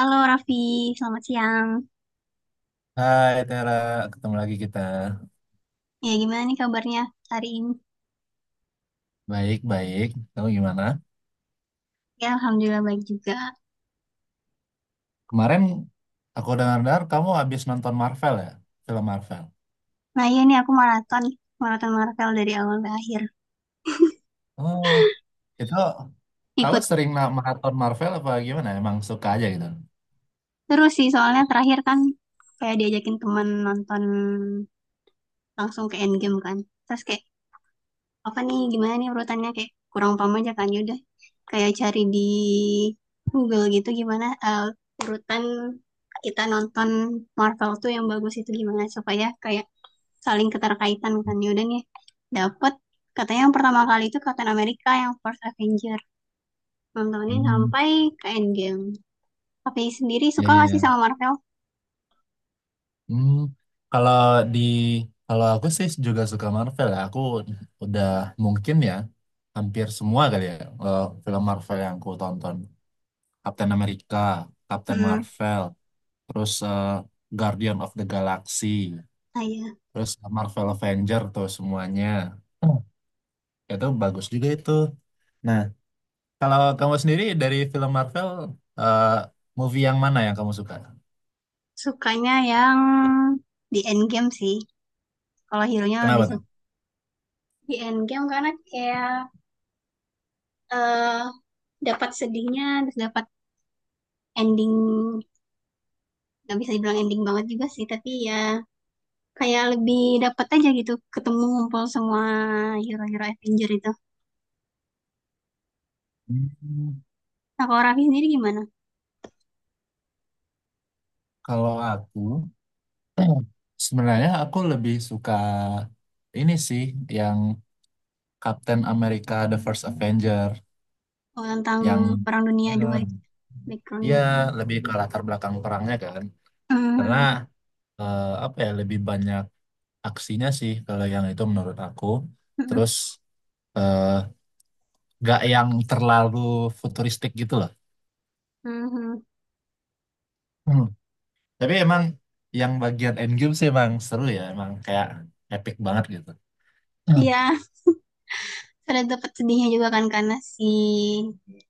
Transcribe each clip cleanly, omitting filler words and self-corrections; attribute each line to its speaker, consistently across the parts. Speaker 1: Halo Raffi, selamat siang.
Speaker 2: Hai Tera, ketemu lagi kita.
Speaker 1: Ya gimana nih kabarnya hari ini?
Speaker 2: Baik-baik, kamu gimana?
Speaker 1: Ya Alhamdulillah baik juga.
Speaker 2: Kemarin aku dengar-dengar kamu habis nonton Marvel ya, film Marvel.
Speaker 1: Nah iya nih aku maraton, maraton Marvel dari awal ke akhir.
Speaker 2: Oh, itu kamu
Speaker 1: Ikut
Speaker 2: sering maraton Marvel apa gimana? Emang suka aja gitu?
Speaker 1: terus sih soalnya terakhir kan kayak diajakin temen nonton langsung ke Endgame kan. Terus kayak apa nih gimana nih urutannya kayak kurang paham aja kan yaudah. Kayak cari di Google gitu gimana urutan kita nonton Marvel tuh yang bagus itu gimana supaya kayak saling keterkaitan kan. Yaudah nih dapet katanya yang pertama kali itu Captain America yang First Avenger, nontonin
Speaker 2: Hmm,
Speaker 1: sampai ke Endgame. Tapi sendiri
Speaker 2: iya,
Speaker 1: suka
Speaker 2: iya,
Speaker 1: gak sih sama
Speaker 2: iya.
Speaker 1: Marvel?
Speaker 2: Hmm, kalau di kalau aku sih juga suka Marvel ya. Aku udah mungkin ya hampir semua kali ya film Marvel yang aku tonton. Captain America, Captain
Speaker 1: Hmm,
Speaker 2: Marvel. Terus Guardian of the Galaxy,
Speaker 1: saya
Speaker 2: terus Marvel Avenger tuh semuanya. Hmm. Itu bagus juga itu. Nah, kalau kamu sendiri dari film Marvel, eh, movie yang mana yang kamu suka?
Speaker 1: sukanya yang di Endgame sih, kalau hero-nya lebih
Speaker 2: Kenapa tuh?
Speaker 1: suka di Endgame karena kayak eh dapat sedihnya, terus dapat ending. Nggak bisa dibilang ending banget juga sih, tapi ya kayak lebih dapat aja gitu, ketemu ngumpul semua hero-hero Avenger itu.
Speaker 2: Hmm,
Speaker 1: Nah kalau Raffi sendiri gimana?
Speaker 2: kalau aku, sebenarnya aku lebih suka ini sih, yang Captain America The First Avenger,
Speaker 1: Oh, tentang
Speaker 2: yang
Speaker 1: Perang Dunia II
Speaker 2: eh,
Speaker 1: itu
Speaker 2: ya
Speaker 1: backgroundnya.
Speaker 2: lebih ke latar belakang perangnya kan. Karena
Speaker 1: Hmm,
Speaker 2: apa ya lebih banyak aksinya sih kalau yang itu menurut aku.
Speaker 1: hmm,
Speaker 2: Terus eh, nggak yang terlalu futuristik gitu loh.
Speaker 1: hmm, hmm.
Speaker 2: Hmm. Tapi emang yang bagian endgame sih emang seru ya, emang kayak epic banget gitu. Hmm.
Speaker 1: Iya, ada dapat sedihnya juga kan karena si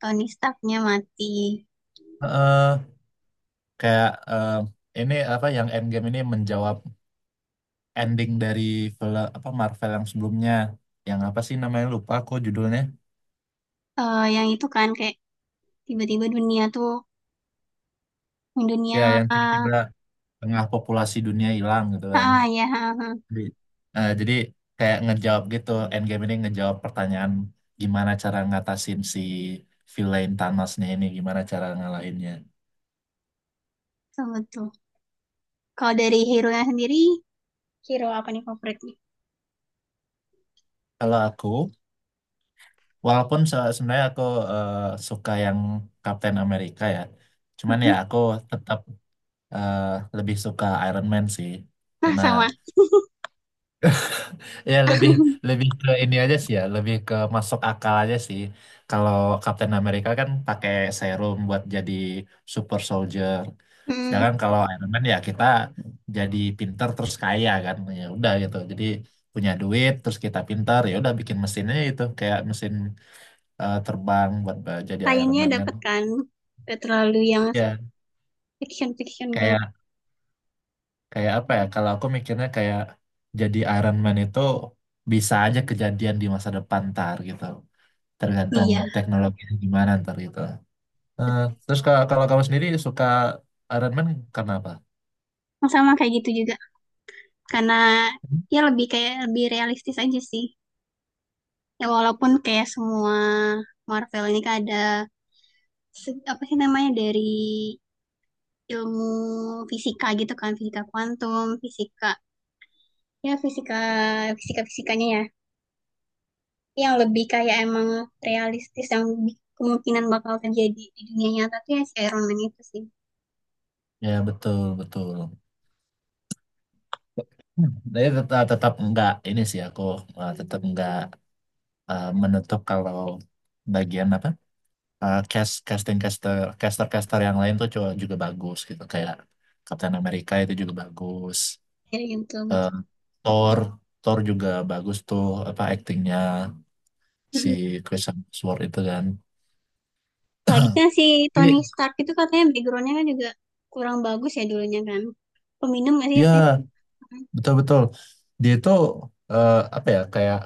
Speaker 1: Tony Starknya mati.
Speaker 2: Eh, kayak eh, ini apa yang endgame ini menjawab ending dari film apa Marvel yang sebelumnya, yang apa sih namanya lupa aku judulnya,
Speaker 1: Eh, yang itu kan kayak tiba-tiba dunia tuh
Speaker 2: ya
Speaker 1: dunia.
Speaker 2: yang
Speaker 1: Ah,
Speaker 2: tiba-tiba tengah populasi dunia hilang gitu kan.
Speaker 1: ah ya ah, ah.
Speaker 2: Jadi jadi kayak ngejawab gitu, Endgame ini ngejawab pertanyaan gimana cara ngatasin si villain Thanosnya ini, gimana cara ngalahinnya.
Speaker 1: Betul, betul. Kalau dari hero-nya sendiri, hero apa nih favoritnya?
Speaker 2: Kalau aku, walaupun sebenarnya aku eh, suka yang Captain America ya, cuman ya aku tetap eh, lebih suka Iron Man sih,
Speaker 1: Nah,
Speaker 2: karena
Speaker 1: sama.
Speaker 2: ya lebih, lebih ke ini aja sih ya, lebih ke masuk akal aja sih. Kalau Captain America kan pakai serum buat jadi super soldier.
Speaker 1: Hmm,
Speaker 2: Sedangkan kalau Iron Man ya kita jadi pinter terus kaya kan. Ya udah gitu. Jadi punya duit terus kita pinter ya udah bikin mesinnya itu kayak mesin terbang buat jadi Iron
Speaker 1: Lainnya
Speaker 2: Man kan.
Speaker 1: dapat kan. Nggak terlalu yang
Speaker 2: Ya
Speaker 1: fiction-fiction banget.
Speaker 2: kayak, kayak apa ya? Kalau aku mikirnya kayak jadi Iron Man itu bisa aja kejadian di masa depan ntar gitu. Tergantung
Speaker 1: Iya,
Speaker 2: teknologinya gimana ntar gitu. Eh,
Speaker 1: betul.
Speaker 2: terus kalau, kalau kamu sendiri suka Iron Man karena apa?
Speaker 1: Sama kayak gitu juga. Karena ya lebih kayak lebih realistis aja sih, ya walaupun kayak semua Marvel ini kan ada apa sih namanya dari ilmu fisika gitu kan, fisika kuantum, fisika ya, fisika fisika fisikanya ya, yang lebih kayak emang realistis yang kemungkinan bakal terjadi di dunia nyata tuh ya si Iron Man itu sih.
Speaker 2: Ya betul betul. Hmm. Tapi tetap, ah, tetap enggak ini sih aku, tetap enggak menutup kalau bagian apa, cast, casting, caster caster caster yang lain tuh juga, juga bagus gitu kayak Captain America itu juga bagus.
Speaker 1: Jadi yang betul
Speaker 2: Eh,
Speaker 1: betul
Speaker 2: Thor Thor juga bagus tuh, apa aktingnya si Chris Hemsworth itu kan.
Speaker 1: lagi kan si Tony
Speaker 2: Tapi
Speaker 1: Stark itu katanya backgroundnya kan juga kurang bagus ya, dulunya kan peminum gak sih
Speaker 2: ya
Speaker 1: apa ya?
Speaker 2: betul betul. Dia itu apa ya kayak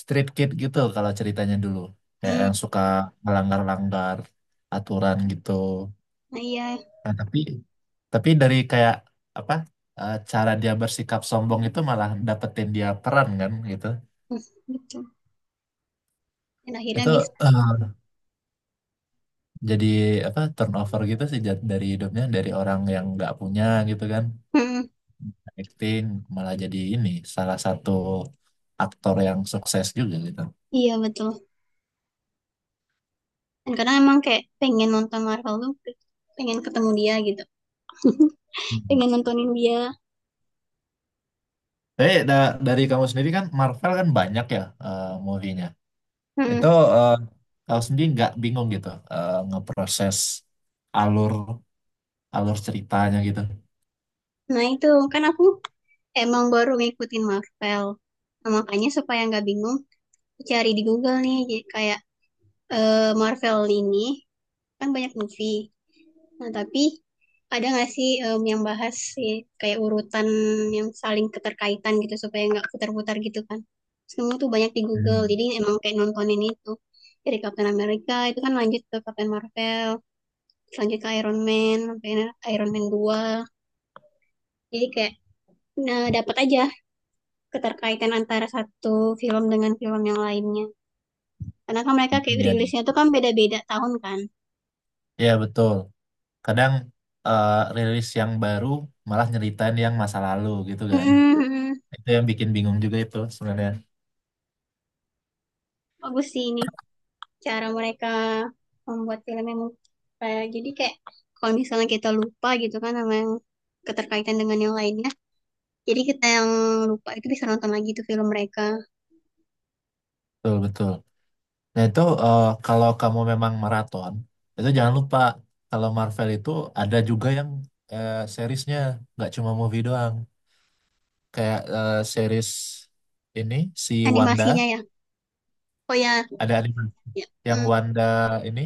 Speaker 2: street kid gitu kalau ceritanya dulu. Kayak
Speaker 1: Hmm,
Speaker 2: yang suka melanggar-langgar aturan gitu.
Speaker 1: nah, iya,
Speaker 2: Nah, tapi dari kayak apa cara dia bersikap sombong itu malah dapetin dia peran kan gitu.
Speaker 1: hmm, betul. Dan akhirnya
Speaker 2: Itu
Speaker 1: bisa.
Speaker 2: eh, jadi apa turnover gitu sih, dari hidupnya dari orang yang nggak punya gitu kan.
Speaker 1: Hmm,
Speaker 2: Acting malah jadi ini salah satu aktor yang sukses juga gitu.
Speaker 1: iya, betul. Dan kadang emang kayak pengen nonton Marvel tuh, pengen ketemu dia gitu. Pengen nontonin dia.
Speaker 2: Tapi dari kamu sendiri kan Marvel kan banyak ya movie-nya. Itu
Speaker 1: Hmm.
Speaker 2: eh, kamu sendiri nggak bingung gitu ngeproses alur alur ceritanya gitu.
Speaker 1: Nah, itu kan aku emang baru ngikutin Marvel. Nah, makanya supaya nggak bingung, cari di Google nih. Jadi kayak Marvel ini kan banyak movie. Nah, tapi ada nggak sih, yang bahas sih kayak urutan yang saling keterkaitan gitu supaya nggak putar-putar gitu kan? Semua tuh banyak di Google,
Speaker 2: Hmm,
Speaker 1: jadi emang kayak nontonin itu. Dari Captain America itu kan lanjut ke Captain Marvel, lanjut ke Iron Man, sampai Iron Man 2. Jadi kayak nah, dapat aja keterkaitan antara satu film dengan film yang lainnya. Karena kan mereka kayak
Speaker 2: iya,
Speaker 1: rilisnya
Speaker 2: iya,
Speaker 1: tuh kan beda-beda tahun kan.
Speaker 2: iya, betul. Kadang rilis yang baru malah nyeritain yang masa lalu gitu kan.
Speaker 1: Mm-mm, mm-mm.
Speaker 2: Itu yang bikin bingung juga itu sebenarnya.
Speaker 1: Bagus sih ini, cara mereka membuat filmnya, kayak jadi kayak kalau misalnya kita lupa gitu kan sama yang keterkaitan dengan yang lainnya, jadi kita yang lupa itu bisa nonton lagi tuh film mereka.
Speaker 2: Betul, betul. Nah itu kalau kamu memang maraton, itu jangan lupa kalau Marvel itu ada juga yang seriesnya, nggak cuma movie doang. Kayak series ini si Wanda,
Speaker 1: Animasinya ya, oh ya,
Speaker 2: ada anime
Speaker 1: ya,
Speaker 2: yang
Speaker 1: mm,
Speaker 2: Wanda ini,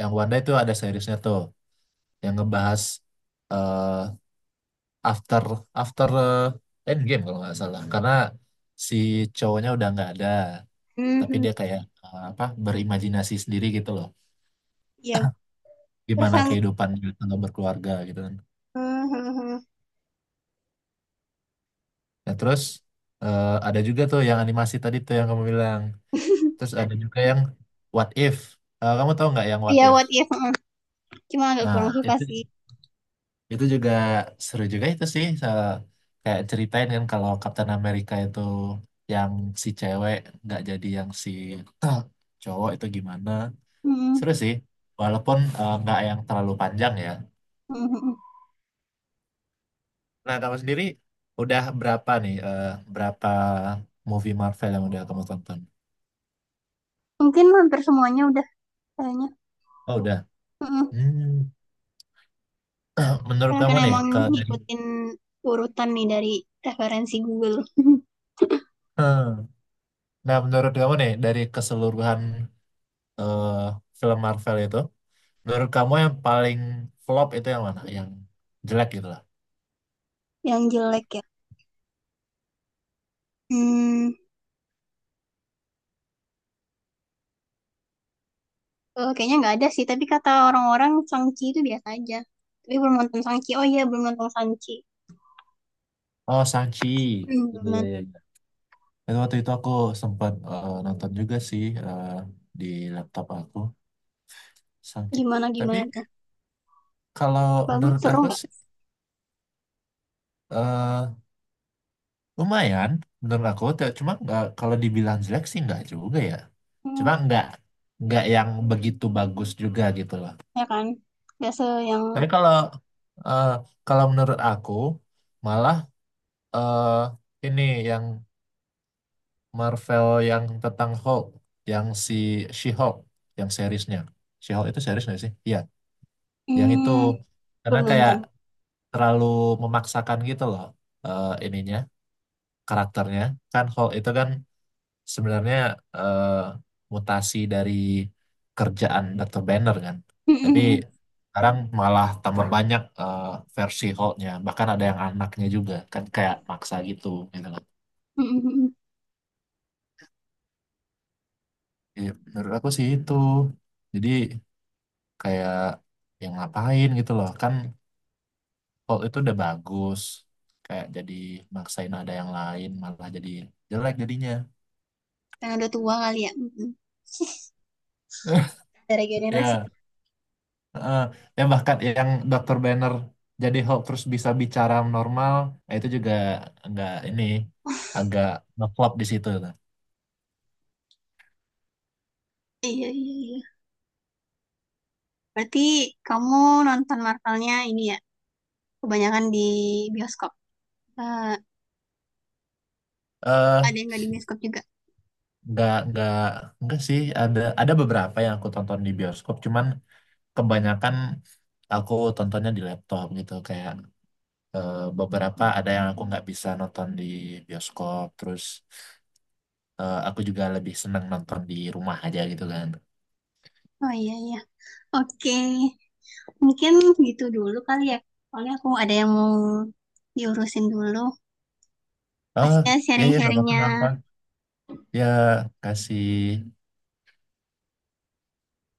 Speaker 2: yang Wanda itu ada seriesnya tuh, yang ngebahas eh, after after eh, Endgame kalau nggak salah, karena si cowoknya udah nggak ada, tapi
Speaker 1: mhm.
Speaker 2: dia kayak apa berimajinasi sendiri gitu loh,
Speaker 1: Ya terus
Speaker 2: gimana kehidupannya kalau berkeluarga gitu kan.
Speaker 1: mhm.
Speaker 2: Nah terus ada juga tuh yang animasi tadi tuh yang kamu bilang. Terus ada juga yang What If. Eh, kamu tahu nggak yang What
Speaker 1: Ya,
Speaker 2: If.
Speaker 1: what if, mhm. Cuma agak kurang
Speaker 2: Nah,
Speaker 1: suka
Speaker 2: itu
Speaker 1: sih.
Speaker 2: itu juga seru juga itu sih, soal kayak ceritain kan kalau Captain America itu yang si cewek nggak jadi, yang si cowok itu gimana.
Speaker 1: Mhm,
Speaker 2: Seru sih walaupun nggak yang terlalu panjang ya.
Speaker 1: mhm.
Speaker 2: Nah kamu sendiri udah berapa nih berapa movie Marvel yang udah kamu tonton.
Speaker 1: Mungkin hampir semuanya udah, kayaknya.
Speaker 2: Oh udah.
Speaker 1: Mhm.
Speaker 2: Hmm. Menurut
Speaker 1: Karena
Speaker 2: kamu
Speaker 1: kan
Speaker 2: nih
Speaker 1: emang
Speaker 2: ke dari
Speaker 1: ngikutin urutan nih dari referensi Google.
Speaker 2: hmm, nah menurut kamu nih dari keseluruhan eh, film Marvel itu, menurut kamu yang paling flop itu yang mana? Yang jelek gitu lah.
Speaker 1: Yang jelek ya? Hmm, Kayaknya nggak ada sih, tapi kata orang-orang Shang-Chi itu biasa aja. Tapi belum nonton Shang-Chi. Oh iya, belum nonton Shang-Chi.
Speaker 2: Oh, Shang-Chi. Iya,
Speaker 1: Belum
Speaker 2: iya,
Speaker 1: nonton.
Speaker 2: iya, iya. Itu waktu itu aku sempat nonton juga sih di laptop aku, Shang-Chi.
Speaker 1: Gimana gimana
Speaker 2: Tapi
Speaker 1: tuh?
Speaker 2: kalau
Speaker 1: Bagus,
Speaker 2: menurut
Speaker 1: seru
Speaker 2: aku
Speaker 1: nggak?
Speaker 2: sih eh, lumayan. Menurut aku, cuma nggak, kalau dibilang jelek sih nggak juga ya.
Speaker 1: Hmm,
Speaker 2: Cuma nggak yang begitu bagus juga gitu lah.
Speaker 1: ya kan? Biasa yang
Speaker 2: Tapi kalau eh, kalau menurut aku malah eh, ini yang Marvel yang tentang Hulk, yang si She-Hulk, yang seriesnya. She-Hulk itu series nggak sih? Iya, yang itu
Speaker 1: hmm,
Speaker 2: karena
Speaker 1: belum
Speaker 2: kayak
Speaker 1: nonton.
Speaker 2: terlalu memaksakan gitu loh ininya, karakternya. Kan Hulk itu kan sebenarnya eh, mutasi dari kerjaan Dr. Banner kan. Tapi sekarang malah tambah banyak versi Hulk-nya, bahkan ada yang anaknya juga kan kayak maksa gitu gitu loh. Iya, menurut aku sih itu. Jadi kayak yang ngapain gitu loh kan, Paul itu udah bagus, kayak jadi maksain ada yang lain malah jadi jelek jadinya.
Speaker 1: Karena udah tua kali ya. Mm-mm. Dari generasi.
Speaker 2: Ya eh, ya bahkan yang dokter Banner jadi Hulk terus bisa bicara normal, itu juga nggak ini, agak ngeflop di situ tuh.
Speaker 1: Iya, iya, iya. Berarti kamu nonton Marvelnya ini ya, kebanyakan di bioskop. Eh, ada
Speaker 2: eh
Speaker 1: yang nggak di bioskop juga?
Speaker 2: nggak nggak sih, ada beberapa yang aku tonton di bioskop, cuman kebanyakan aku tontonnya di laptop gitu. Kayak beberapa ada yang aku nggak bisa nonton di bioskop, terus aku juga lebih senang nonton di rumah aja gitu kan.
Speaker 1: Oh iya, iya. Oke. Mungkin gitu dulu kali ya. Soalnya aku ada yang mau diurusin dulu.
Speaker 2: Oh
Speaker 1: Pastinya
Speaker 2: ya, ya nggak apa-apa, nggak apa,
Speaker 1: sharing-sharingnya.
Speaker 2: ya kasih